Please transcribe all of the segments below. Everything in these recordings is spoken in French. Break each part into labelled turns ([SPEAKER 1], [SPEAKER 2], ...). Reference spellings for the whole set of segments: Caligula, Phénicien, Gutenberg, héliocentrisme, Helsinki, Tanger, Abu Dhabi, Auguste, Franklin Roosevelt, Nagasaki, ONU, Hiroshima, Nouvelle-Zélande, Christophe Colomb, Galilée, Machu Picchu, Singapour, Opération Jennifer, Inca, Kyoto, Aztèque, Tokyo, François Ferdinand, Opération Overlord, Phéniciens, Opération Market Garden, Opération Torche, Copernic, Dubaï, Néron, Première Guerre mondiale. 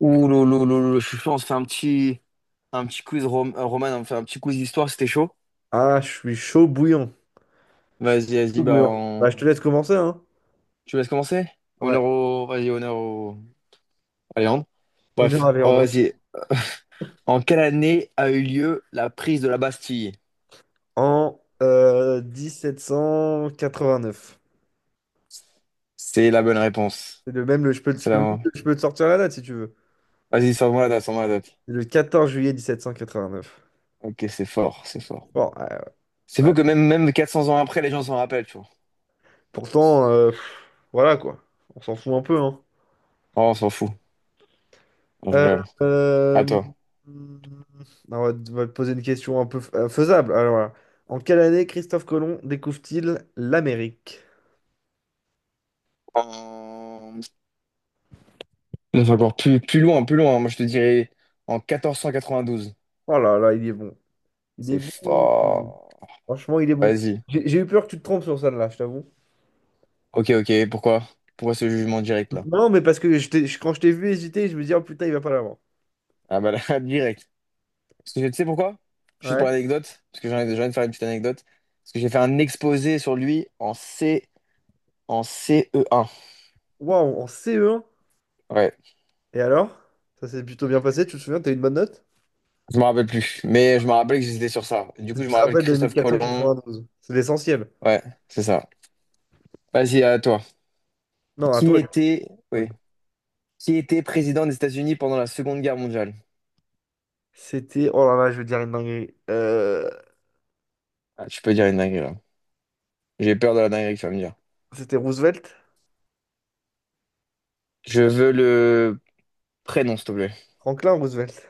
[SPEAKER 1] Ouh, là là là là, Je suis chaud. On se fait un petit quiz Roman, on fait un petit quiz d'histoire, c'était chaud.
[SPEAKER 2] Ah, je suis chaud bouillant. Je suis
[SPEAKER 1] Vas-y, vas-y,
[SPEAKER 2] chaud bouillant. Bah, je te laisse commencer, hein.
[SPEAKER 1] tu me laisses commencer?
[SPEAKER 2] Ouais,
[SPEAKER 1] Honneur au... Vas-y, honneur au... Alexandre.
[SPEAKER 2] honneur
[SPEAKER 1] Bref,
[SPEAKER 2] à
[SPEAKER 1] oh,
[SPEAKER 2] Léandre.
[SPEAKER 1] vas-y. En quelle année a eu lieu la prise de la Bastille?
[SPEAKER 2] En 1789.
[SPEAKER 1] C'est la bonne réponse.
[SPEAKER 2] C'est le même,
[SPEAKER 1] C'est la...
[SPEAKER 2] je peux te sortir la date si tu veux.
[SPEAKER 1] Vas-y, sors-moi la date, sors-moi la date.
[SPEAKER 2] C'est le 14 juillet 1789.
[SPEAKER 1] Ok, c'est fort, c'est fort.
[SPEAKER 2] Bon,
[SPEAKER 1] C'est
[SPEAKER 2] ouais.
[SPEAKER 1] fou que
[SPEAKER 2] Ouais.
[SPEAKER 1] même, même 400 ans après, les gens s'en rappellent, tu vois.
[SPEAKER 2] Pourtant, voilà quoi. On s'en fout un peu, hein.
[SPEAKER 1] Oh, on s'en fout. Non, je
[SPEAKER 2] Euh,
[SPEAKER 1] rigole. À
[SPEAKER 2] euh,
[SPEAKER 1] toi.
[SPEAKER 2] hmm, on va te poser une question un peu faisable. Alors, voilà. En quelle année Christophe Colomb découvre-t-il l'Amérique?
[SPEAKER 1] En On va encore plus, plus loin, plus loin, hein. Moi, je te dirais en 1492.
[SPEAKER 2] Oh là là, il est bon. Il est
[SPEAKER 1] C'est
[SPEAKER 2] bon.
[SPEAKER 1] fort.
[SPEAKER 2] Franchement, il est bon.
[SPEAKER 1] Vas-y.
[SPEAKER 2] J'ai eu peur que tu te trompes sur ça, là, je t'avoue.
[SPEAKER 1] Ok, ok. Pourquoi? Pourquoi ce jugement direct là?
[SPEAKER 2] Non, mais parce que quand je t'ai vu hésiter, je me dis, oh putain, il va pas l'avoir.
[SPEAKER 1] Ah bah là, direct. Parce que tu sais pourquoi? Juste pour
[SPEAKER 2] Ouais.
[SPEAKER 1] l'anecdote, parce que j'ai envie de faire une petite anecdote. Parce que j'ai fait un exposé sur lui en C, en CE1.
[SPEAKER 2] Waouh, en CE1.
[SPEAKER 1] Ouais.
[SPEAKER 2] Et alors? Ça s'est plutôt bien passé, tu te souviens, t'as eu une bonne note?
[SPEAKER 1] Je me rappelle plus. Mais je me rappelle que j'étais sur ça. Du
[SPEAKER 2] Tu
[SPEAKER 1] coup, je me
[SPEAKER 2] te
[SPEAKER 1] rappelle
[SPEAKER 2] rappelles de
[SPEAKER 1] Christophe Colomb.
[SPEAKER 2] 1492. C'est l'essentiel.
[SPEAKER 1] Ouais, c'est ça. Vas-y, à toi.
[SPEAKER 2] Non, à
[SPEAKER 1] Qui
[SPEAKER 2] toi.
[SPEAKER 1] était,
[SPEAKER 2] Oui.
[SPEAKER 1] oui. Qui était président des États-Unis pendant la Seconde Guerre mondiale?
[SPEAKER 2] C'était. Oh là là, je vais dire une dinguerie.
[SPEAKER 1] Ah, tu peux dire une dinguerie là. J'ai peur de la dinguerie que tu vas me dire.
[SPEAKER 2] C'était Roosevelt?
[SPEAKER 1] Je veux le prénom, s'il te plaît.
[SPEAKER 2] Franklin Roosevelt.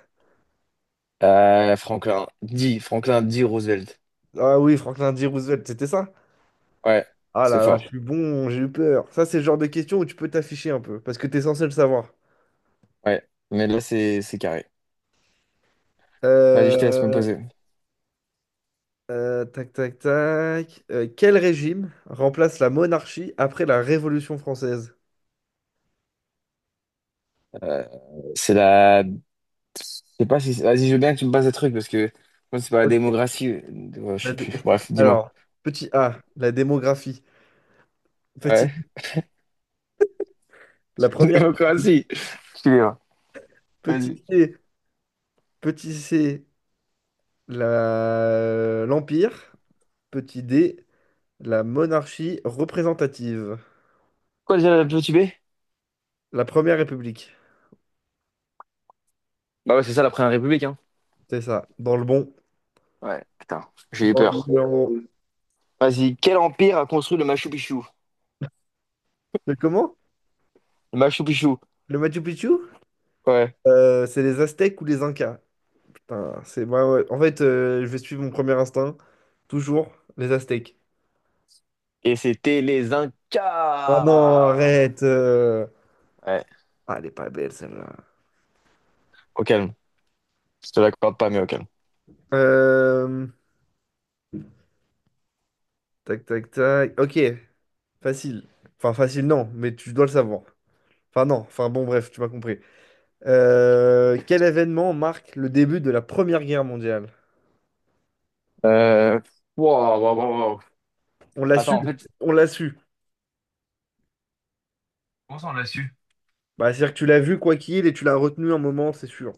[SPEAKER 1] Franklin. Dis, Franklin, dis Roosevelt.
[SPEAKER 2] Ah oui, Franklin D. Roosevelt, c'était ça?
[SPEAKER 1] Ouais,
[SPEAKER 2] Ah
[SPEAKER 1] c'est
[SPEAKER 2] là là, je
[SPEAKER 1] fort.
[SPEAKER 2] suis bon, j'ai eu peur. Ça, c'est le genre de question où tu peux t'afficher un peu, parce que t'es censé le savoir.
[SPEAKER 1] Ouais, mais là, c'est carré. Vas-y, je te laisse me
[SPEAKER 2] Euh,
[SPEAKER 1] poser.
[SPEAKER 2] Tac, tac, tac. Quel régime remplace la monarchie après la Révolution française?
[SPEAKER 1] Euh, c'est la... Je sais pas si... Vas-y, je veux bien que tu me passes des trucs, parce que... Moi, c'est pas la
[SPEAKER 2] Ok.
[SPEAKER 1] démocratie, je
[SPEAKER 2] La
[SPEAKER 1] sais
[SPEAKER 2] dé-
[SPEAKER 1] plus. Bref, dis-moi.
[SPEAKER 2] Alors, petit A, la démographie. Petit,
[SPEAKER 1] Ouais.
[SPEAKER 2] la première. République.
[SPEAKER 1] Démocratie. Excusez-moi.
[SPEAKER 2] Petit
[SPEAKER 1] Vas-y.
[SPEAKER 2] C, petit C, l'Empire. Petit D, la monarchie représentative.
[SPEAKER 1] Quoi déjà la petite B?
[SPEAKER 2] La première République.
[SPEAKER 1] Bah ouais, c'est ça la première république, hein.
[SPEAKER 2] C'est ça. Dans le bon.
[SPEAKER 1] Ouais, putain, j'ai eu
[SPEAKER 2] Dans le
[SPEAKER 1] peur.
[SPEAKER 2] bon.
[SPEAKER 1] Vas-y, quel empire a construit le Machu Picchu?
[SPEAKER 2] Mais comment?
[SPEAKER 1] Le Machu Picchu.
[SPEAKER 2] Le Machu Picchu?
[SPEAKER 1] Ouais.
[SPEAKER 2] C'est les Aztèques ou les Incas? Putain, c'est bah ouais. En fait, je vais suivre mon premier instinct. Toujours les Aztèques.
[SPEAKER 1] Et c'était les
[SPEAKER 2] Ah non,
[SPEAKER 1] Incas!
[SPEAKER 2] arrête.
[SPEAKER 1] Ouais,
[SPEAKER 2] Ah, elle est pas belle celle-là.
[SPEAKER 1] au calme. Je te l'accorde pas, mais au calme.
[SPEAKER 2] Euh, Tac, tac, tac. Ok, facile. Enfin, facile, non, mais tu dois le savoir. Enfin, non. Enfin, bon, bref, tu m'as compris. Quel événement marque le début de la Première Guerre mondiale?
[SPEAKER 1] Euh... Wow, wow, wow, wow.
[SPEAKER 2] On l'a su.
[SPEAKER 1] Attends, en fait,
[SPEAKER 2] On l'a su.
[SPEAKER 1] comment ça on l'a su?
[SPEAKER 2] Bah, c'est-à-dire que tu l'as vu quoi qu'il et tu l'as retenu un moment, c'est sûr.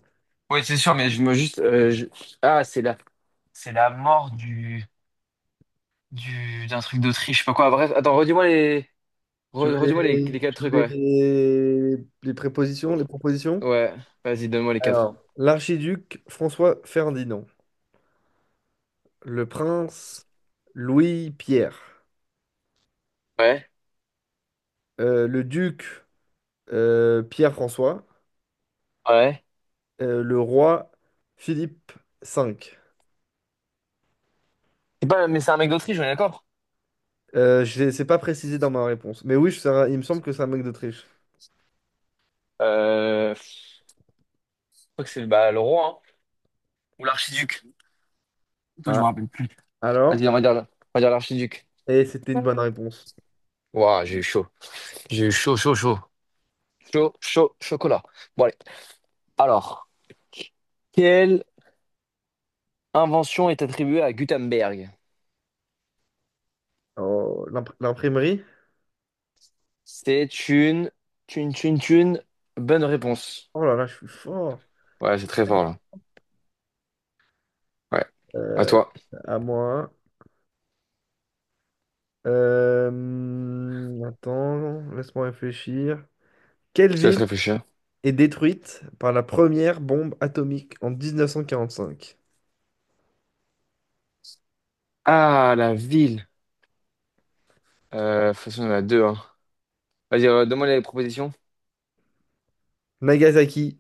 [SPEAKER 1] Oui, c'est sûr, mais je me juste. Je- Ah, c'est la mort du... d'un truc d'Autriche, je sais pas quoi. Bref, attends, redis-moi les...
[SPEAKER 2] Tu
[SPEAKER 1] re-
[SPEAKER 2] veux
[SPEAKER 1] redis-moi
[SPEAKER 2] les,
[SPEAKER 1] les quatre
[SPEAKER 2] tu
[SPEAKER 1] trucs,
[SPEAKER 2] veux
[SPEAKER 1] ouais.
[SPEAKER 2] les... les prépositions, les propositions?
[SPEAKER 1] Ouais, vas-y, donne-moi les quatre.
[SPEAKER 2] Alors, l'archiduc François Ferdinand, le prince Louis-Pierre,
[SPEAKER 1] Ouais,
[SPEAKER 2] le duc Pierre-François,
[SPEAKER 1] ouais.
[SPEAKER 2] le roi Philippe V.
[SPEAKER 1] C'est pas... Mais c'est un mec d'Autriche, on est d'accord?
[SPEAKER 2] Je ne pas précisé dans ma réponse, mais oui, il me semble que c'est un mec d'Autriche.
[SPEAKER 1] Je crois que c'est bah, le roi, hein. Ou l'archiduc. Toi, je
[SPEAKER 2] Ah,
[SPEAKER 1] me rappelle plus.
[SPEAKER 2] alors?
[SPEAKER 1] Vas-y, on va dire l'archiduc.
[SPEAKER 2] Et c'était une bonne réponse.
[SPEAKER 1] Waouh, j'ai eu chaud. J'ai eu chaud, chaud, chaud. Chaud, chaud, chocolat. Bon, allez. Alors, quelle invention est attribuée à Gutenberg?
[SPEAKER 2] Oh, l'imprimerie?
[SPEAKER 1] C'est une bonne réponse.
[SPEAKER 2] Oh là là, je suis fort.
[SPEAKER 1] Ouais, c'est très fort, là. Ouais. À
[SPEAKER 2] Euh,
[SPEAKER 1] toi.
[SPEAKER 2] à moi. Attends, laisse-moi réfléchir.
[SPEAKER 1] Je te laisse
[SPEAKER 2] Kelvin
[SPEAKER 1] réfléchir.
[SPEAKER 2] est détruite par la première bombe atomique en 1945.
[SPEAKER 1] Ah, la ville. De toute façon, il y en a deux, hein. Vas-y, donne-moi les propositions.
[SPEAKER 2] Nagasaki,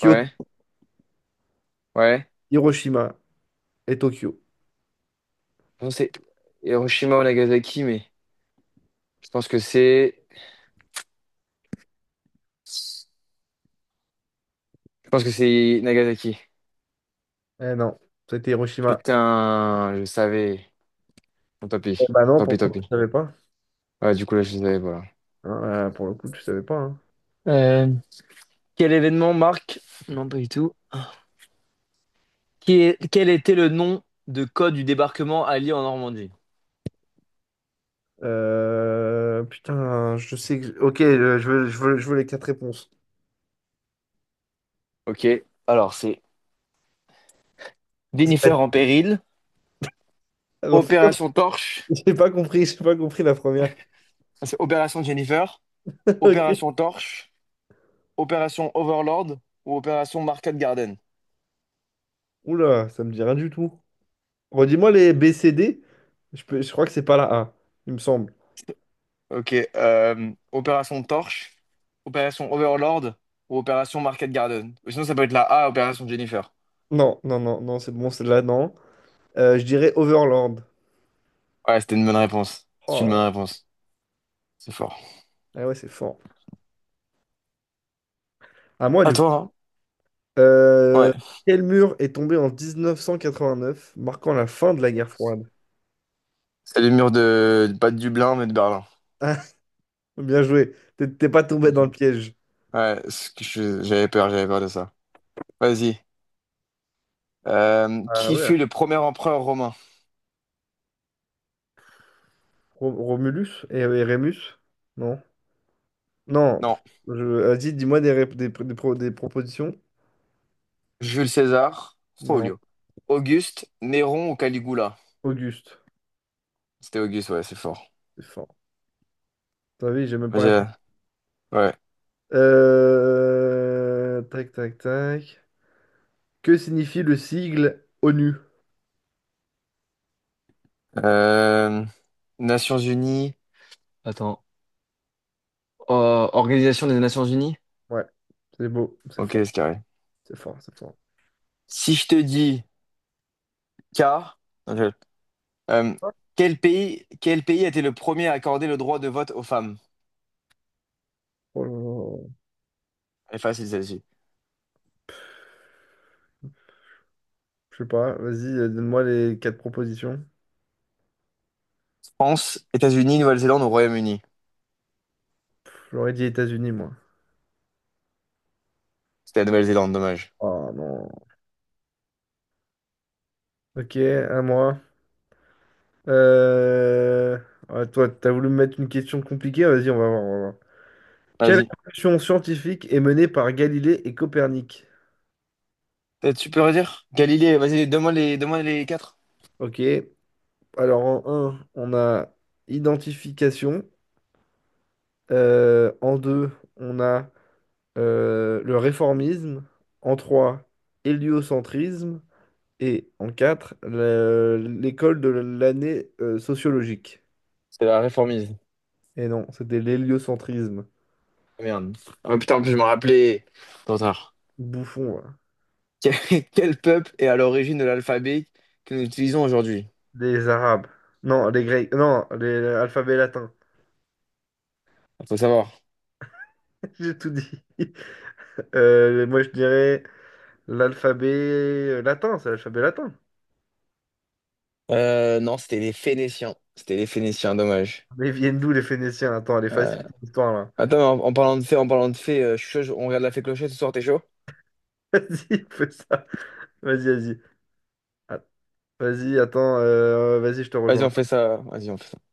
[SPEAKER 1] Ouais, ouais.
[SPEAKER 2] Hiroshima et Tokyo.
[SPEAKER 1] Je pense que c'est Hiroshima ou Nagasaki, mais je pense que c'est... Je pense que c'est Nagasaki.
[SPEAKER 2] Eh non, c'était Hiroshima.
[SPEAKER 1] Putain, je savais. Bon, tant
[SPEAKER 2] Eh
[SPEAKER 1] pis,
[SPEAKER 2] bah non,
[SPEAKER 1] tant pis,
[SPEAKER 2] pourtant
[SPEAKER 1] tant
[SPEAKER 2] tu
[SPEAKER 1] pis.
[SPEAKER 2] savais pas.
[SPEAKER 1] Ouais, du coup, là, je les avais, voilà.
[SPEAKER 2] Hein, pour le coup, tu savais pas. Hein.
[SPEAKER 1] Euh, quel événement marque? Non, pas du tout. Quel était le nom de code du débarquement allié en Normandie?
[SPEAKER 2] Putain, je sais que... Ok, je veux les quatre réponses.
[SPEAKER 1] Ok, alors c'est
[SPEAKER 2] C'est pas...
[SPEAKER 1] Jennifer en péril,
[SPEAKER 2] Refais-le.
[SPEAKER 1] Opération Torche,
[SPEAKER 2] J'ai pas compris, la première.
[SPEAKER 1] ça, c'est Opération Jennifer,
[SPEAKER 2] Ok.
[SPEAKER 1] Opération Torche, Opération Overlord ou Opération Market Garden.
[SPEAKER 2] Oula, ça me dit rien du tout. Redis-moi les B, C, D. Je crois que c'est pas la A, il me semble.
[SPEAKER 1] Ok, Opération Torche, Opération Overlord ou Opération Market Garden. Ou sinon, ça peut être la A, Opération Jennifer.
[SPEAKER 2] Non, non, non, non, c'est bon, c'est là, non. Je dirais Overland.
[SPEAKER 1] Ouais, c'était une bonne réponse. C'est
[SPEAKER 2] Oh là
[SPEAKER 1] une
[SPEAKER 2] là.
[SPEAKER 1] bonne réponse. C'est fort.
[SPEAKER 2] Ah ouais, c'est fort. À moi,
[SPEAKER 1] À
[SPEAKER 2] du coup.
[SPEAKER 1] toi, hein.
[SPEAKER 2] Euh,
[SPEAKER 1] Ouais.
[SPEAKER 2] Quel mur est tombé en 1989, marquant la fin de la guerre froide?
[SPEAKER 1] C'est les murs de, pas de Dublin, mais de Berlin.
[SPEAKER 2] Ah, bien joué. T'es pas tombé
[SPEAKER 1] Ok.
[SPEAKER 2] dans le piège.
[SPEAKER 1] Ouais, j'avais peur de ça. Vas-y.
[SPEAKER 2] Ah
[SPEAKER 1] Qui
[SPEAKER 2] ouais.
[SPEAKER 1] fut le premier empereur romain?
[SPEAKER 2] Romulus et Rémus? Non. Non.
[SPEAKER 1] Non.
[SPEAKER 2] Vas-y, dis-moi des, rép- des pro- des propositions.
[SPEAKER 1] Jules César,
[SPEAKER 2] Non.
[SPEAKER 1] Folio. Auguste, Néron ou Caligula?
[SPEAKER 2] Auguste.
[SPEAKER 1] C'était Auguste, ouais, c'est fort.
[SPEAKER 2] C'est fort. T'as vu, j'ai même pas répondu.
[SPEAKER 1] J'ai- Ouais.
[SPEAKER 2] Tac, tac, tac. Que signifie le sigle ONU?
[SPEAKER 1] Euh, Nations Unies. Attends. Euh, Organisation des Nations Unies?
[SPEAKER 2] Ouais, c'est beau, c'est
[SPEAKER 1] Ok,
[SPEAKER 2] fort.
[SPEAKER 1] c'est carré.
[SPEAKER 2] C'est fort, c'est fort.
[SPEAKER 1] Si je te dis K, non, euh, quel pays a été le premier à accorder le droit de vote aux femmes?
[SPEAKER 2] Oh là là.
[SPEAKER 1] Elle est facile celle-ci.
[SPEAKER 2] Je sais pas, vas-y, donne-moi les quatre propositions.
[SPEAKER 1] France, États-Unis, Nouvelle-Zélande ou Royaume-Uni?
[SPEAKER 2] J'aurais dit États-Unis, moi.
[SPEAKER 1] C'était la Nouvelle-Zélande, dommage.
[SPEAKER 2] Oh non. Ok, à moi. Euh... ouais, toi, t'as voulu me mettre une question compliquée? Vas-y, on va voir, on va voir. Quelle
[SPEAKER 1] Vas-y.
[SPEAKER 2] révolution scientifique est menée par Galilée et Copernic?
[SPEAKER 1] Tu peux redire? Galilée, vas-y, donne-moi les quatre.
[SPEAKER 2] Ok, alors en un, on a identification. En 2, on a le réformisme. En 3, héliocentrisme. Et en 4, l'école de l'année sociologique.
[SPEAKER 1] C'était la réformise.
[SPEAKER 2] Et non, c'était l'héliocentrisme.
[SPEAKER 1] Ah, merde. Ah, putain, en plus, je me rappelais. Trop tard.
[SPEAKER 2] Bouffon, voilà.
[SPEAKER 1] Quel quel peuple est à l'origine de l'alphabet que nous utilisons aujourd'hui?
[SPEAKER 2] Les Arabes. Non, les Grecs. Non, l'alphabet latin.
[SPEAKER 1] Faut savoir.
[SPEAKER 2] J'ai tout dit. Moi, je dirais l'alphabet latin. C'est l'alphabet latin.
[SPEAKER 1] Non, c'était les Phéniciens. C'était les Phéniciens, dommage.
[SPEAKER 2] Mais ils viennent d'où les Phéniciens? Attends, elle est facile,
[SPEAKER 1] Euh,
[SPEAKER 2] ton histoire, là.
[SPEAKER 1] Attends, en parlant de fées, en parlant de fées, je suis chaud, on regarde la fée clochette ce soir, t'es chaud?
[SPEAKER 2] Vas-y, fais ça. Vas-y, vas-y. Ah, vas-y, attends. Vas-y, je te
[SPEAKER 1] Vas-y, on fait
[SPEAKER 2] rejoins.
[SPEAKER 1] ça. Vas-y, on fait ça.